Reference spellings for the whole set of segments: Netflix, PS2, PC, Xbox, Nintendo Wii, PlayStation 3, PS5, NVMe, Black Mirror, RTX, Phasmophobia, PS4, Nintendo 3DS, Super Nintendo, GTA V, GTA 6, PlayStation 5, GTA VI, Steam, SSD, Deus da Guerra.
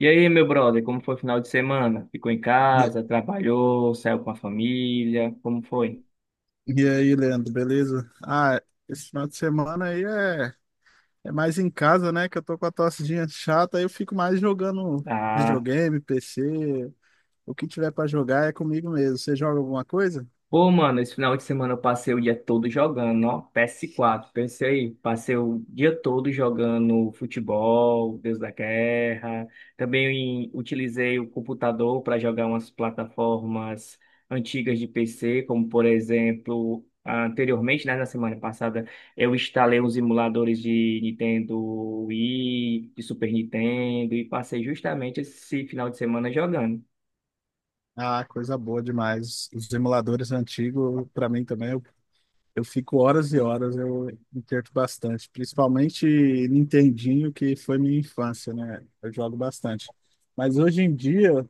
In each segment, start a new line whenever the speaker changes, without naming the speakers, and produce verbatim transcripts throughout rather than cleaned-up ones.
E aí, meu brother, como foi o final de semana? Ficou em
E,
casa, trabalhou, saiu com a família? Como foi?
e aí, Leandro, beleza? Ah, esse final de semana aí é, é mais em casa, né? Que eu tô com a tossezinha chata, aí eu fico mais jogando
Ah.
videogame, P C, o que tiver pra jogar é comigo mesmo. Você joga alguma coisa?
Pô, mano, esse final de semana eu passei o dia todo jogando, ó, P S quatro, pensei, aí, passei o dia todo jogando futebol, Deus da Guerra, também utilizei o computador para jogar umas plataformas antigas de P C, como por exemplo, anteriormente, né, na semana passada, eu instalei uns emuladores de Nintendo Wii, de Super Nintendo, e passei justamente esse final de semana jogando.
Ah, coisa boa demais. Os emuladores antigos, pra mim também, eu, eu fico horas e horas, eu me perco bastante. Principalmente Nintendinho, que foi minha infância, né? Eu jogo bastante. Mas hoje em dia.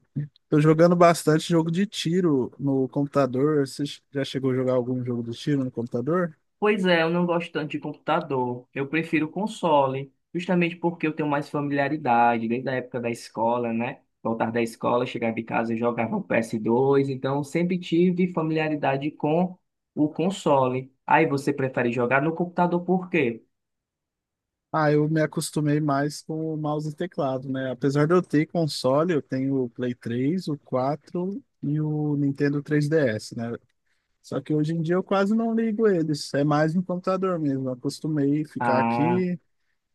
Tô jogando bastante jogo de tiro no computador. Você já chegou a jogar algum jogo de tiro no computador?
Pois é, eu não gosto tanto de computador. Eu prefiro console, justamente porque eu tenho mais familiaridade, desde a época da escola, né? Voltar da escola, chegar de casa, eu jogava o P S dois, então sempre tive familiaridade com o console. Aí você prefere jogar no computador por quê?
Ah, eu me acostumei mais com o mouse e teclado, né? Apesar de eu ter console, eu tenho o Play três, o quatro e o Nintendo três D S, né? Só que hoje em dia eu quase não ligo eles. É mais no computador mesmo. Eu acostumei ficar
Ah,
aqui,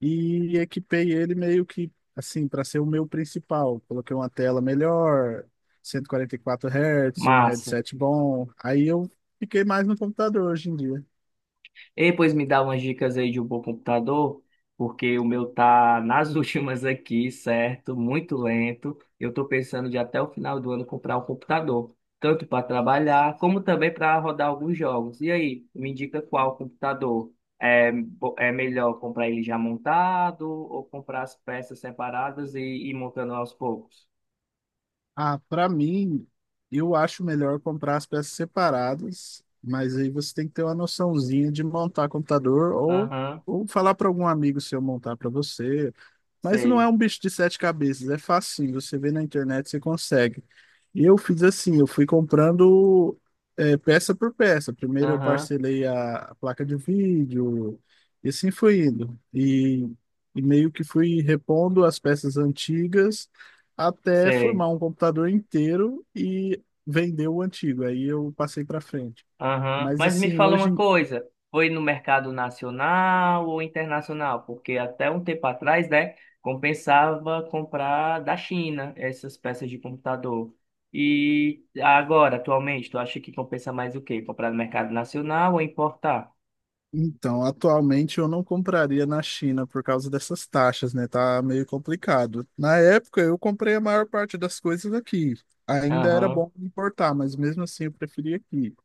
e equipei ele meio que assim para ser o meu principal. Coloquei uma tela melhor, cento e quarenta e quatro hertz Hz, um
massa.
headset bom. Aí eu fiquei mais no computador hoje em dia.
E pois me dá umas dicas aí de um bom computador, porque o meu tá nas últimas aqui, certo? Muito lento. Eu tô pensando de até o final do ano comprar um computador, tanto para trabalhar como também para rodar alguns jogos. E aí, me indica qual computador? É, bo- é melhor comprar ele já montado ou comprar as peças separadas e ir montando aos poucos?
Ah, para mim, eu acho melhor comprar as peças separadas, mas aí você tem que ter uma noçãozinha de montar computador, ou,
Aham,
ou falar para algum amigo seu montar para você. Mas não
sei.
é um bicho de sete cabeças, é facinho. Você vê na internet, você consegue. Eu fiz assim, eu fui comprando é, peça por peça. Primeiro eu
Aham,
parcelei a, a placa de vídeo, e assim foi indo. E, e meio que fui repondo as peças antigas até
sei.
formar um computador inteiro e vender o antigo. Aí eu passei para frente.
Aham.
Mas
Mas me
assim,
fala
hoje
uma
em.
coisa, foi no mercado nacional ou internacional? Porque até um tempo atrás, né, compensava comprar da China essas peças de computador. E agora, atualmente, tu acha que compensa mais o quê? Comprar no mercado nacional ou importar?
Então, atualmente eu não compraria na China por causa dessas taxas, né? Tá meio complicado. Na época eu comprei a maior parte das coisas aqui. Ainda era
Aham.
bom importar, mas mesmo assim eu preferi aqui.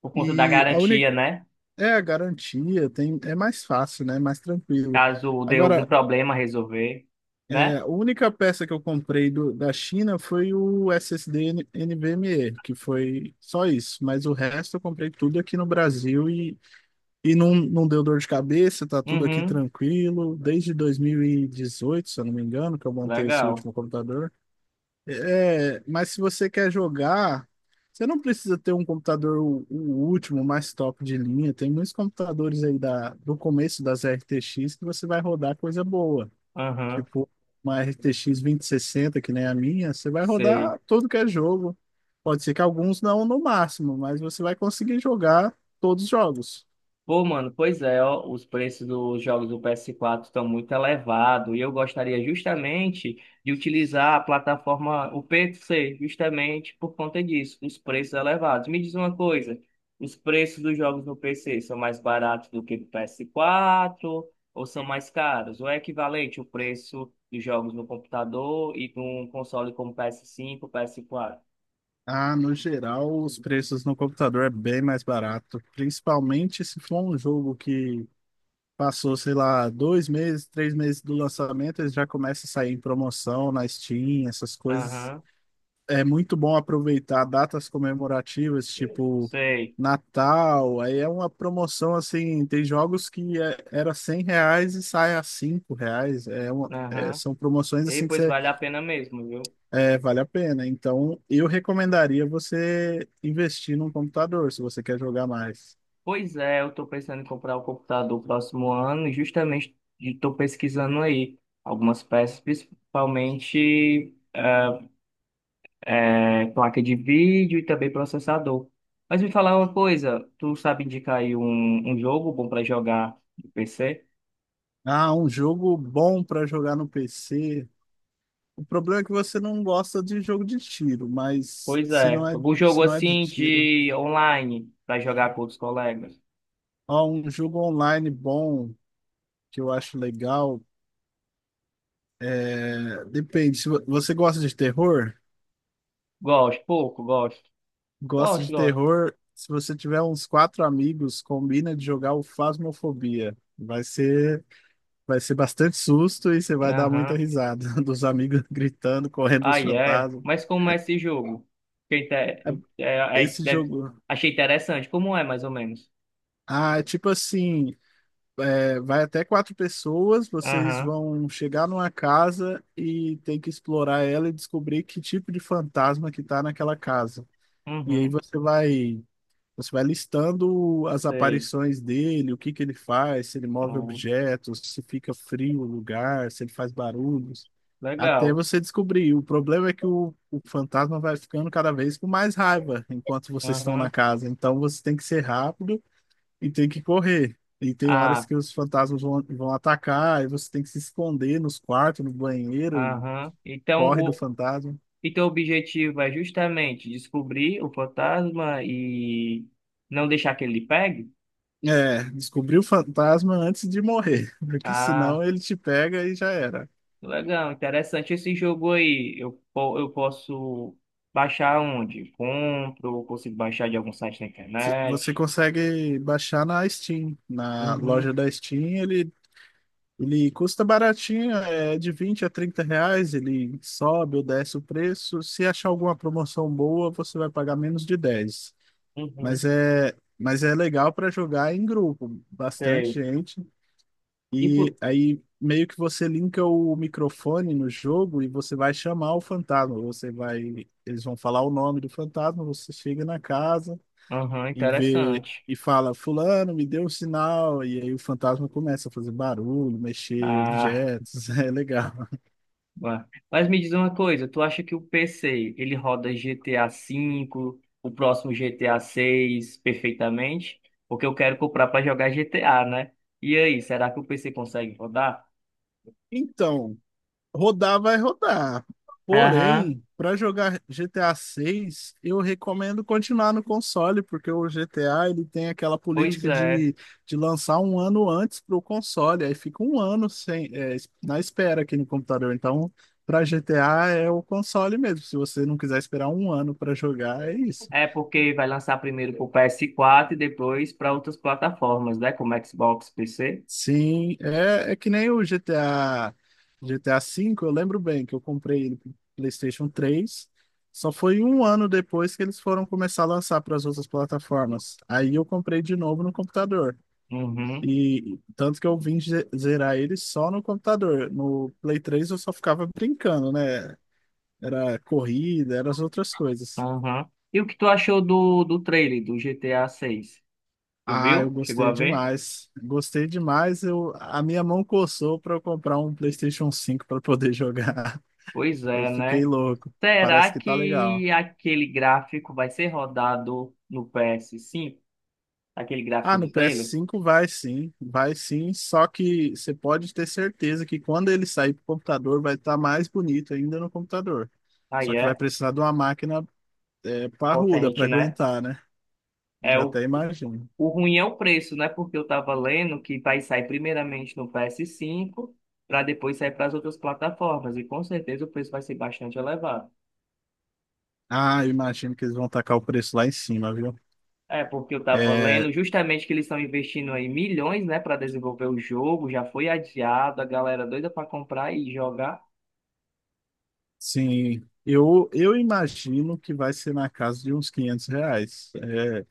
Por conta da
E a
garantia,
única
né?
é a garantia, tem é mais fácil, né? Mais tranquilo.
Caso dê algum
Agora,
problema resolver,
é,
né?
a única peça que eu comprei do, da China foi o S S D N- NVMe, que foi só isso, mas o resto eu comprei tudo aqui no Brasil e e não, não deu dor de cabeça, tá tudo aqui
Uhum.
tranquilo. Desde dois mil e dezoito, se eu não me engano, que eu montei esse
Legal.
último computador. É, mas se você quer jogar, você não precisa ter um computador o, o último, mais top de linha. Tem muitos computadores aí da, do começo das R T X, que você vai rodar coisa boa.
Aham.
Tipo, uma R T X sessenta que nem a minha, você vai
Sei.
rodar todo que é jogo. Pode ser que alguns não no máximo, mas você vai conseguir jogar todos os jogos.
Pô, mano, pois é, ó, os preços dos jogos do P S quatro estão muito elevados e eu gostaria justamente de utilizar a plataforma, o P C, justamente por conta disso, os preços elevados. Me diz uma coisa, os preços dos jogos no P C são mais baratos do que do P S quatro ou são mais caros? Ou é equivalente o preço dos jogos no computador e de um console como P S cinco, P S quatro?
Ah, no geral, os preços no computador é bem mais barato, principalmente se for um jogo que passou, sei lá, dois meses, três meses do lançamento, ele já começa a sair em promoção na Steam, essas coisas.
Aham,
É muito bom aproveitar datas comemorativas, tipo
sei,
Natal, aí é uma promoção assim, tem jogos que é- era cem reais e sai a cinco reais, é uma, é,
aham.
são promoções
E
assim que
pois
você
vale a pena mesmo, viu?
é, vale a pena. Então, eu recomendaria você investir num computador, se você quer jogar mais.
Pois é, eu estou pensando em comprar o computador no próximo ano e justamente estou pesquisando aí algumas peças, principalmente eh, eh, placa de vídeo e também processador. Mas me falar uma coisa, tu sabe indicar aí um, um jogo bom para jogar no P C?
Ah, um jogo bom para jogar no P C. O problema é que você não gosta de jogo de tiro, mas
Pois
se
é,
não é,
algum jogo
se não é de
assim
tiro.
de online para jogar com outros colegas?
Ó, um jogo online bom, que eu acho legal, é, depende. Se vo- você gosta de terror,
Gosto, pouco, gosto.
gosta
Gosto,
de
gosto.
terror, se você tiver uns quatro amigos, combina de jogar o Phasmophobia. Vai ser Vai ser bastante susto e você vai dar muita
Aham.
risada dos amigos gritando, correndo os
Aí é.
fantasmas.
Mas como é esse jogo? Que inte- é-
É-
é-
Esse
deve-
jogo.
Achei interessante. Como é, mais ou menos?
Ah, é tipo assim, é, vai até quatro pessoas, vocês
Aham,
vão chegar numa casa e tem que explorar ela e descobrir que tipo de fantasma que tá naquela casa. E aí
uhum.
você vai, você vai listando as
Sei.
aparições dele, o que que ele faz, se ele move
Ah,
objetos, se fica frio o lugar, se ele faz barulhos. Até
legal.
você descobrir. O problema é que o, o fantasma vai ficando cada vez com mais raiva enquanto vocês estão na
Aham.
casa. Então você tem que ser rápido e tem que correr. E tem horas
Ah,
que os fantasmas vão, vão atacar e você tem que se esconder nos quartos, no banheiro,
aham. Então
corre do
o
fantasma.
então, o objetivo é justamente descobrir o fantasma e não deixar que ele lhe pegue?
É, descobrir o fantasma antes de morrer, porque
Ah,
senão ele te pega e já era.
legal. Interessante esse jogo aí. Eu, po- eu posso baixar onde? Compro? Consigo baixar de algum site na
Se- Você
internet?
consegue baixar na Steam, na
Uhum.
loja da Steam. Ele Ele custa baratinho, é de vinte a trinta reais, ele sobe ou desce o preço. Se achar alguma promoção boa, você vai pagar menos de dez. Mas
Uhum,
é, mas é legal para jogar em grupo, bastante
sei.
gente.
E por...
E aí meio que você linka o microfone no jogo e você vai chamar o fantasma. Você vai, eles vão falar o nome do fantasma, você chega na casa
Aham,
e vê
interessante.
e fala, fulano, me deu um sinal, e aí o fantasma começa a fazer barulho, mexer
Ah,
objetos, é legal.
ué. Mas me diz uma coisa, tu acha que o P C, ele roda G T A V, o próximo GTA seis perfeitamente? Porque eu quero comprar para jogar G T A, né? E aí, será que o P C consegue rodar?
Então, rodar vai rodar.
Aham,
Porém, para jogar G T A seis, eu recomendo continuar no console, porque o G T A, ele tem aquela
pois
política
é.
de, de lançar um ano antes para o console, aí fica um ano sem, é, na espera aqui no computador. Então, para G T A é o console mesmo. Se você não quiser esperar um ano para jogar, é isso.
É porque vai lançar primeiro para pro ps quatro e depois para outras plataformas, né? Como Xbox, P C.
Sim, é, é que nem o GTA, G T A vê V, eu lembro bem que eu comprei ele pro PlayStation três, só foi um ano depois que eles foram começar a lançar para as outras plataformas. Aí eu comprei de novo no computador.
Uhum,
E tanto que eu vim ze- zerar ele só no computador. No Play três eu só ficava brincando, né? Era corrida, eram as outras coisas.
aham. E o que tu achou do, do trailer do G T A vi? Tu
Ah, eu
viu? Chegou a
gostei
ver?
demais. Gostei demais. Eu, a minha mão coçou para eu comprar um PlayStation cinco para poder jogar.
Pois
Eu
é,
fiquei
né?
louco. Parece
Será
que tá legal.
que aquele gráfico vai ser rodado no P S cinco? Aquele
Ah,
gráfico
no
do
ps
trailer?
cinco vai sim, vai sim, só que você pode ter certeza que quando ele sair pro computador vai estar mais bonito ainda no computador.
Aí
Só que vai
é
precisar de uma máquina, é, parruda para
potente, né?
aguentar, né?
É
Já
o,
até imagino.
o ruim é o preço, né? Porque eu tava lendo que vai sair primeiramente no P S cinco para depois sair para as outras plataformas. E com certeza o preço vai ser bastante elevado.
Ah, eu imagino que eles vão tacar o preço lá em cima, viu?
É, porque eu tava
É,
lendo justamente que eles estão investindo aí milhões, né, para desenvolver o jogo, já foi adiado, a galera doida para comprar e jogar.
sim, eu, eu imagino que vai ser na casa de uns quinhentos reais. É,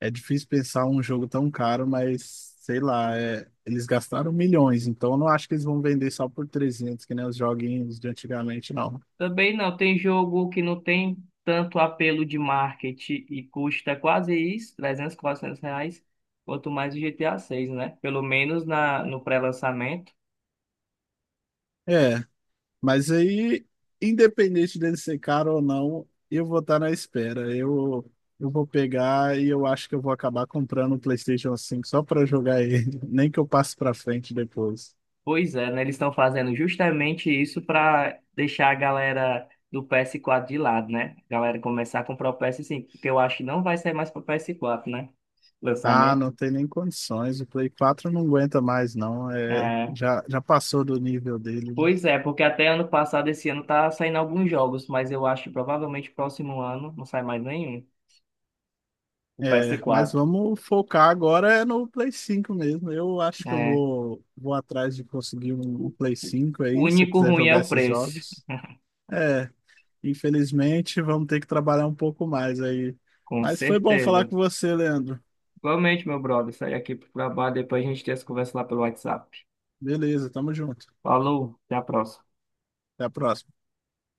É difícil pensar um jogo tão caro, mas sei lá, é- eles gastaram milhões, então eu não acho que eles vão vender só por trezentos, que nem os joguinhos de antigamente, não.
Também não, tem jogo que não tem tanto apelo de marketing e custa quase isso, trezentos quatrocentos reais, quanto mais o G T A seis, né? Pelo menos na, no pré-lançamento.
É, mas aí, independente dele ser caro ou não, eu vou estar na espera. Eu, eu vou pegar e eu acho que eu vou acabar comprando o PlayStation cinco só para jogar ele, nem que eu passe para frente depois.
Pois é, né? Eles estão fazendo justamente isso para deixar a galera do P S quatro de lado, né? A galera começar a comprar o P S cinco, porque eu acho que não vai sair mais para o P S quatro, né?
Ah,
Lançamento.
não tem nem condições, o Play quatro não aguenta mais, não. É,
É,
já, já passou do nível dele, né?
pois é, porque até ano passado, esse ano, tá saindo alguns jogos, mas eu acho que provavelmente próximo ano não sai mais nenhum. O ps
É, mas
quatro.
vamos focar agora é no Play cinco mesmo. Eu acho que eu
É.
vou, vou atrás de conseguir um Play cinco
O
aí, se eu
único
quiser
ruim é
jogar
o
esses
preço,
jogos. É, infelizmente vamos ter que trabalhar um pouco mais aí.
com
Mas foi bom falar
certeza.
com você, Leandro.
Igualmente, meu brother, sai aqui pro trabalho, depois a gente tem essa conversa lá pelo WhatsApp.
Beleza, tamo junto.
Falou, até a próxima.
Até a próxima.